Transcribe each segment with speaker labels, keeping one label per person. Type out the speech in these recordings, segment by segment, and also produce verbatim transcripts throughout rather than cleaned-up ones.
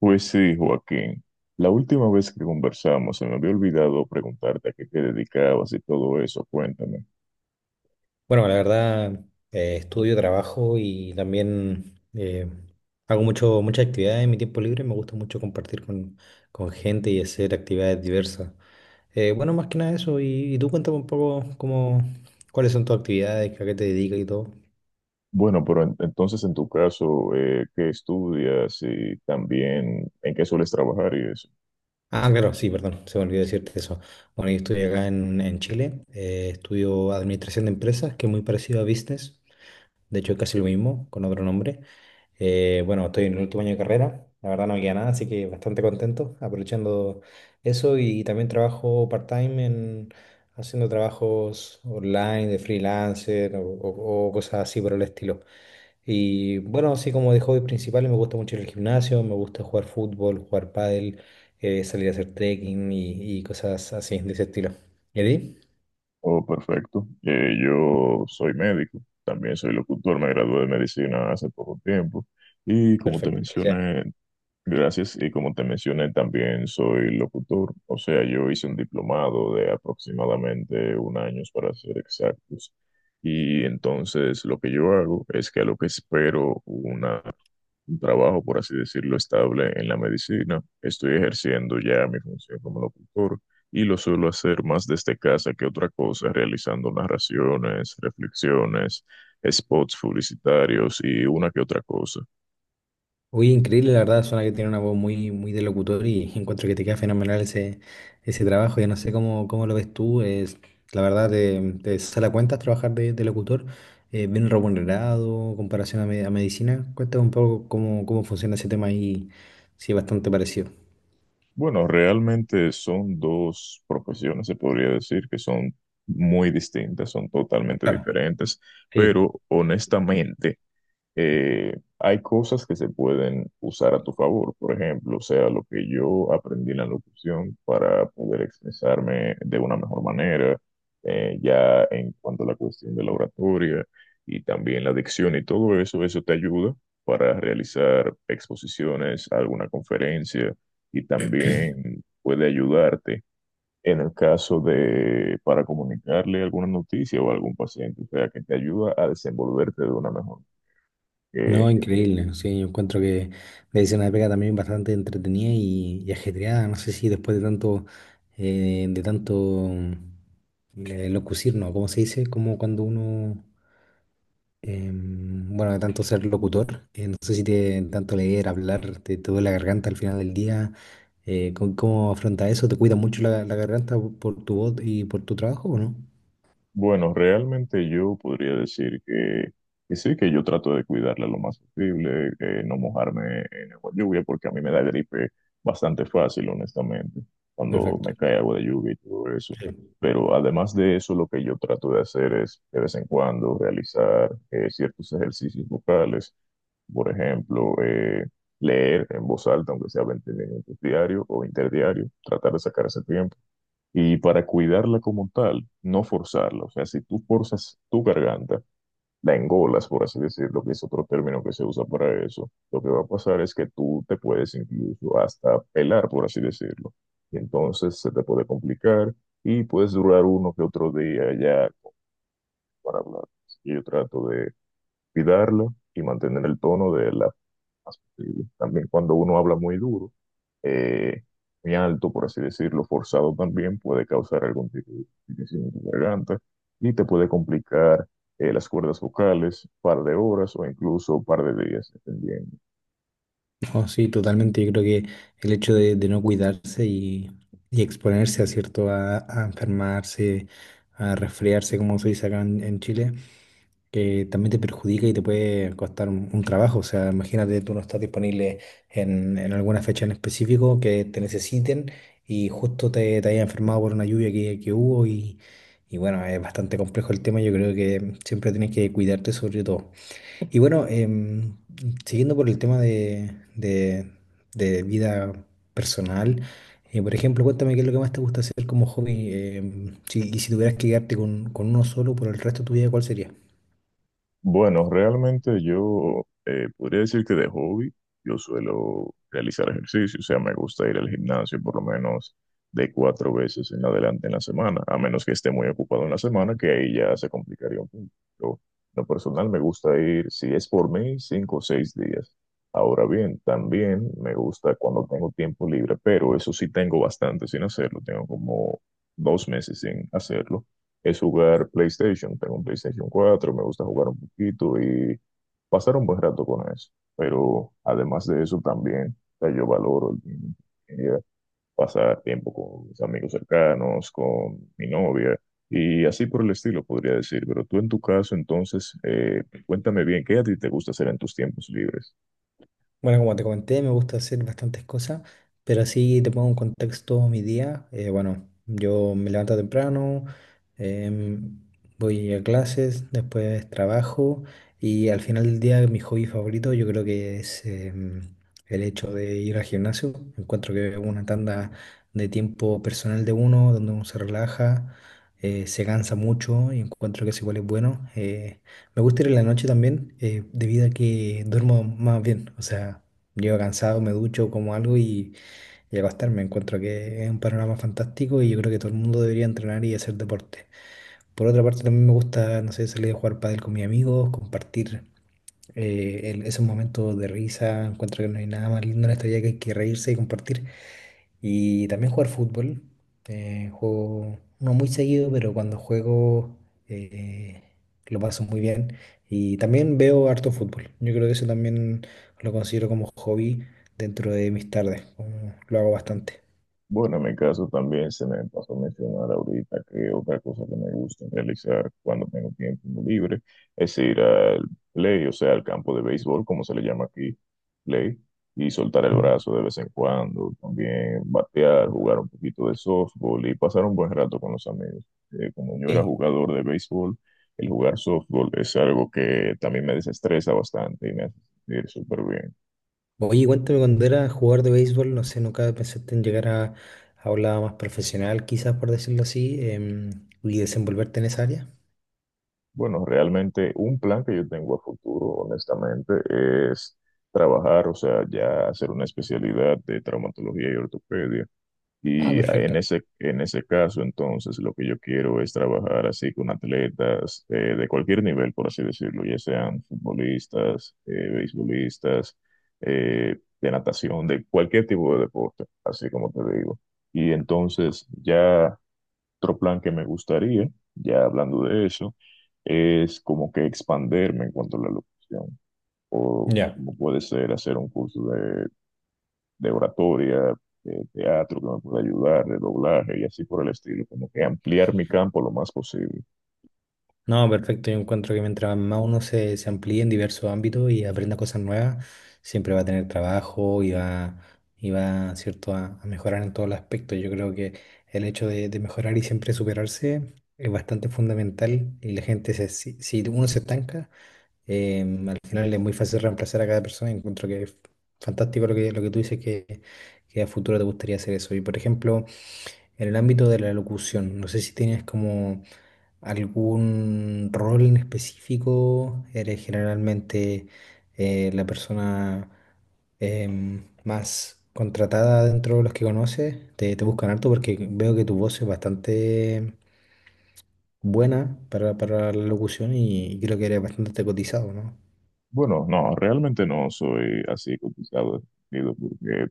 Speaker 1: Pues sí, Joaquín. La última vez que conversamos se me había olvidado preguntarte a qué te dedicabas y todo eso. Cuéntame.
Speaker 2: Bueno, la verdad, eh, estudio, trabajo y también eh, hago mucho, muchas actividades en mi tiempo libre. Me gusta mucho compartir con, con gente y hacer actividades diversas. Eh, bueno, más que nada eso. Y, y tú cuéntame un poco cómo, cuáles son tus actividades, a qué te dedicas y todo.
Speaker 1: Bueno, pero en- entonces en tu caso, eh, ¿qué estudias y también en qué sueles trabajar y eso?
Speaker 2: Ah, claro, sí, perdón, se me olvidó decirte eso. Bueno, yo estudio acá en, en Chile. Eh, estudio Administración de Empresas, que es muy parecido a Business. De hecho, es casi lo mismo, con otro nombre. Eh, bueno, estoy en el último año de carrera, la verdad no me queda nada, así que bastante contento aprovechando eso y también trabajo part-time en haciendo trabajos online de freelancer o, o- o cosas así por el estilo. Y bueno, así como de hobbies principales me gusta mucho ir al gimnasio, me gusta jugar fútbol, jugar pádel, eh, salir a hacer trekking y, y cosas así de ese estilo. ¿Y a ti?
Speaker 1: Oh, perfecto. Eh, yo soy médico, también soy locutor, me gradué de medicina hace poco tiempo y como te
Speaker 2: Perfecto, felicidades.
Speaker 1: mencioné, gracias, y como te mencioné, también soy locutor, o sea, yo hice un diplomado de aproximadamente un año para ser exactos. Y entonces lo que yo hago es que a lo que espero una, un trabajo, por así decirlo, estable en la medicina, estoy ejerciendo ya mi función como locutor y lo suelo hacer más desde casa que otra cosa, realizando narraciones, reflexiones, spots publicitarios y una que otra cosa.
Speaker 2: Uy, increíble, la verdad, suena que tiene una voz muy, muy de locutor y encuentro que te queda fenomenal ese, ese trabajo. Yo no sé cómo, cómo lo ves tú, es, la verdad te, te sale a cuentas trabajar de, de locutor, eh, bien remunerado, comparación a, me- a medicina. Cuéntame un poco cómo, cómo funciona ese tema y si es bastante parecido.
Speaker 1: Bueno, realmente son dos profesiones, se podría decir, que son muy distintas, son totalmente
Speaker 2: Claro,
Speaker 1: diferentes,
Speaker 2: sí.
Speaker 1: pero honestamente, eh, hay cosas que se pueden usar a tu favor, por ejemplo, o sea, lo que yo aprendí en la locución para poder expresarme de una mejor manera, eh, ya en cuanto a la cuestión de la oratoria y también la dicción y todo eso, eso te ayuda para realizar exposiciones, alguna conferencia y también puede ayudarte. En el caso de para comunicarle alguna noticia o a algún paciente, o sea, que te ayuda a desenvolverte de una mejor eh,
Speaker 2: No, increíble, sí, yo encuentro que medicina de pega también bastante entretenida y, y ajetreada, no sé si después de tanto, eh, de tanto... Eh, Locucir, ¿no? ¿Cómo se dice? Como cuando uno, em, bueno, de tanto ser locutor, eh, no sé si te tanto leer, hablar, te, te duele la garganta al final del día. eh, ¿cómo, cómo afronta eso? ¿Te cuida mucho la, la garganta por, por tu voz y por tu trabajo o no?
Speaker 1: bueno, realmente yo podría decir que, que sí, que yo trato de cuidarla lo más posible, eh, no mojarme en agua de lluvia, porque a mí me da gripe bastante fácil, honestamente, cuando
Speaker 2: Perfecto.
Speaker 1: me cae agua de lluvia y todo eso.
Speaker 2: Sí.
Speaker 1: Pero además de eso, lo que yo trato de hacer es de vez en cuando realizar eh, ciertos ejercicios vocales, por ejemplo, eh, leer en voz alta, aunque sea veinte minutos diario o interdiario, tratar de sacar ese tiempo. Y para cuidarla como tal, no forzarla. O sea, si tú forzas tu garganta, la engolas, por así decirlo, que es otro término que se usa para eso, lo que va a pasar es que tú te puedes incluso hasta pelar, por así decirlo. Y entonces se te puede complicar y puedes durar uno que otro día ya para hablar. Así que yo trato de cuidarla y mantener el tono de la más posible. También cuando uno habla muy duro, eh, muy alto, por así decirlo, forzado también, puede causar algún tipo de irritación en tu garganta y te puede complicar eh, las cuerdas vocales, par de horas o incluso par de días, dependiendo.
Speaker 2: No, sí, totalmente. Yo creo que el hecho de, de no cuidarse y, y exponerse a cierto a, a enfermarse, a resfriarse, como se dice acá en en Chile, que también te perjudica y te puede costar un, un trabajo. O sea, imagínate, tú no estás disponible en, en alguna fecha en específico que te necesiten y justo te, te hayas enfermado por una lluvia que, que hubo y, y bueno, es bastante complejo el tema. Yo creo que siempre tienes que cuidarte sobre todo. Y bueno, em, siguiendo por el tema de, de, de vida personal. Eh, por ejemplo, cuéntame qué es lo que más te gusta hacer como hobby, em, si- y si tuvieras que quedarte con, con uno solo por el resto de tu vida, ¿cuál sería?
Speaker 1: Bueno, realmente yo eh, podría decir que de hobby yo suelo realizar ejercicio, o sea, me gusta ir al gimnasio por lo menos de cuatro veces en adelante en la semana, a menos que esté muy ocupado en la semana, que ahí ya se complicaría un poco. Yo, en lo personal, me gusta ir, si es por mí, cinco o seis días. Ahora bien, también me gusta cuando tengo tiempo libre, pero eso sí tengo bastante sin hacerlo, tengo como dos meses sin hacerlo es jugar PlayStation. Tengo un PlayStation cuatro me gusta jugar un poquito y pasar un buen rato con eso. Pero además de eso también, o sea, yo valoro el tiempo que quería pasar tiempo con mis amigos cercanos, con mi novia y así por el estilo, podría decir. Pero tú en tu caso, entonces, eh, cuéntame bien, ¿qué a ti te gusta hacer en tus tiempos libres?
Speaker 2: Bueno, como te comenté, me gusta hacer bastantes cosas, pero así te pongo en contexto mi día. Eh, bueno, yo me levanto temprano, em, voy a clases, después trabajo y al final del día mi hobby favorito yo creo que es em, el hecho de ir al gimnasio. Encuentro que es una tanda de tiempo personal de uno, donde uno se relaja, eh, se cansa mucho y encuentro que eso igual es bueno. Eh, me gusta ir en la noche también, eh, debido a que duermo más bien. O sea, llego cansado, me ducho, como algo y, y a acostarme. Encuentro que es un panorama fantástico y yo creo que todo el mundo debería entrenar y hacer deporte. Por otra parte, también me gusta, no sé, salir a jugar pádel con mis amigos, compartir eh, el- esos momentos de risa. Encuentro que no hay nada más lindo en esta vida que, que reírse y compartir. Y también jugar fútbol. Eh, juego no muy seguido, pero cuando juego eh, lo paso muy bien. Y también veo harto fútbol. Yo creo que eso también lo considero como hobby dentro de mis tardes. Como Lo hago bastante.
Speaker 1: Bueno, en mi caso también se me pasó a mencionar ahorita que otra cosa que me gusta realizar cuando tengo tiempo libre es ir al play, o sea, al campo de béisbol, como se le llama aquí, play, y soltar el brazo de vez en cuando, también batear, jugar un poquito de softball y pasar un buen rato con los amigos. Eh, como yo era
Speaker 2: Sí.
Speaker 1: jugador de béisbol, el jugar softball es algo que también me desestresa bastante y me hace sentir súper bien.
Speaker 2: Oye, cuéntame cuando era jugador de béisbol, no sé, nunca pensaste en llegar a, a un lado más profesional, quizás por decirlo así, em, y desenvolverte en esa área.
Speaker 1: Bueno, realmente un plan que yo tengo a futuro, honestamente, es trabajar, o sea, ya hacer una especialidad de traumatología y ortopedia.
Speaker 2: Ah,
Speaker 1: Y en
Speaker 2: perfecto.
Speaker 1: ese, en ese caso, entonces, lo que yo quiero es trabajar así con atletas eh, de cualquier nivel, por así decirlo, ya sean futbolistas, eh, beisbolistas, eh, de natación, de cualquier tipo de deporte, así como te digo. Y entonces ya otro plan que me gustaría, ya hablando de eso, es como que expanderme en cuanto a la locución, o
Speaker 2: Ya.
Speaker 1: como puede ser hacer un curso de, de oratoria, de teatro que me pueda ayudar, de doblaje y así por el estilo, como que ampliar mi campo lo más posible.
Speaker 2: No, perfecto. Yo encuentro que mientras más uno se, se amplíe en diversos ámbitos y aprenda cosas nuevas, siempre va a tener trabajo y va, y va, ¿cierto?, a, a mejorar en todos los aspectos. Yo creo que el hecho de, de mejorar y siempre superarse es bastante fundamental y la gente, se, si, si uno se estanca, eh, al final es muy fácil reemplazar a cada persona. Encuentro que es fantástico lo que, lo que tú dices, que, que a futuro te gustaría hacer eso. Y, por ejemplo, en el ámbito de la locución, no sé si tienes como... ¿Algún rol en específico? ¿Eres generalmente eh, la persona em, más contratada dentro de los que conoces? ¿Te, te buscan harto? Porque veo que tu voz es bastante buena para, para la locución y creo que eres bastante cotizado, ¿no?
Speaker 1: Bueno, no, realmente no soy así complicado, porque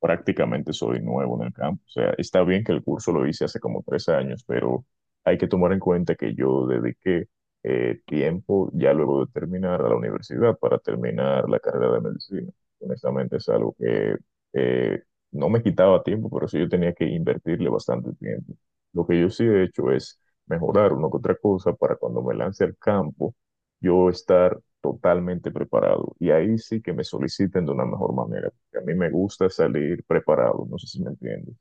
Speaker 1: prácticamente soy nuevo en el campo. O sea, está bien que el curso lo hice hace como tres años, pero hay que tomar en cuenta que yo dediqué eh, tiempo ya luego de terminar a la universidad para terminar la carrera de medicina. Honestamente es algo que eh, no me quitaba tiempo, pero sí yo tenía que invertirle bastante tiempo. Lo que yo sí he hecho es mejorar una que otra cosa para cuando me lance al campo, yo estar totalmente preparado. Y ahí sí que me soliciten de una mejor manera que a mí me gusta salir preparado, no sé si me entiendes.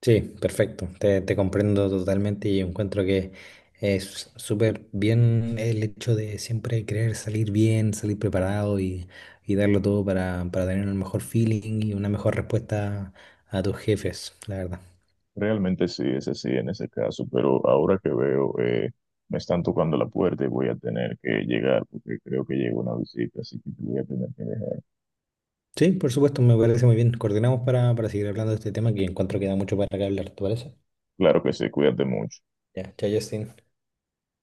Speaker 2: Sí, perfecto. Te, te comprendo totalmente y encuentro que es súper bien el hecho de siempre querer salir bien, salir preparado y, y darlo todo para, para tener el mejor feeling y una mejor respuesta a tus jefes, la verdad.
Speaker 1: Realmente sí, ese sí, en ese caso, pero ahora que veo, eh, me están tocando la puerta y voy a tener que llegar porque creo que llega una visita, así que te voy a tener que dejar.
Speaker 2: Sí, por supuesto, me parece muy bien. Coordinamos para, para seguir hablando de este tema que encuentro que da mucho para que hablar, ¿te parece?
Speaker 1: Claro que sí, cuídate mucho.
Speaker 2: Ya, chao, Justin.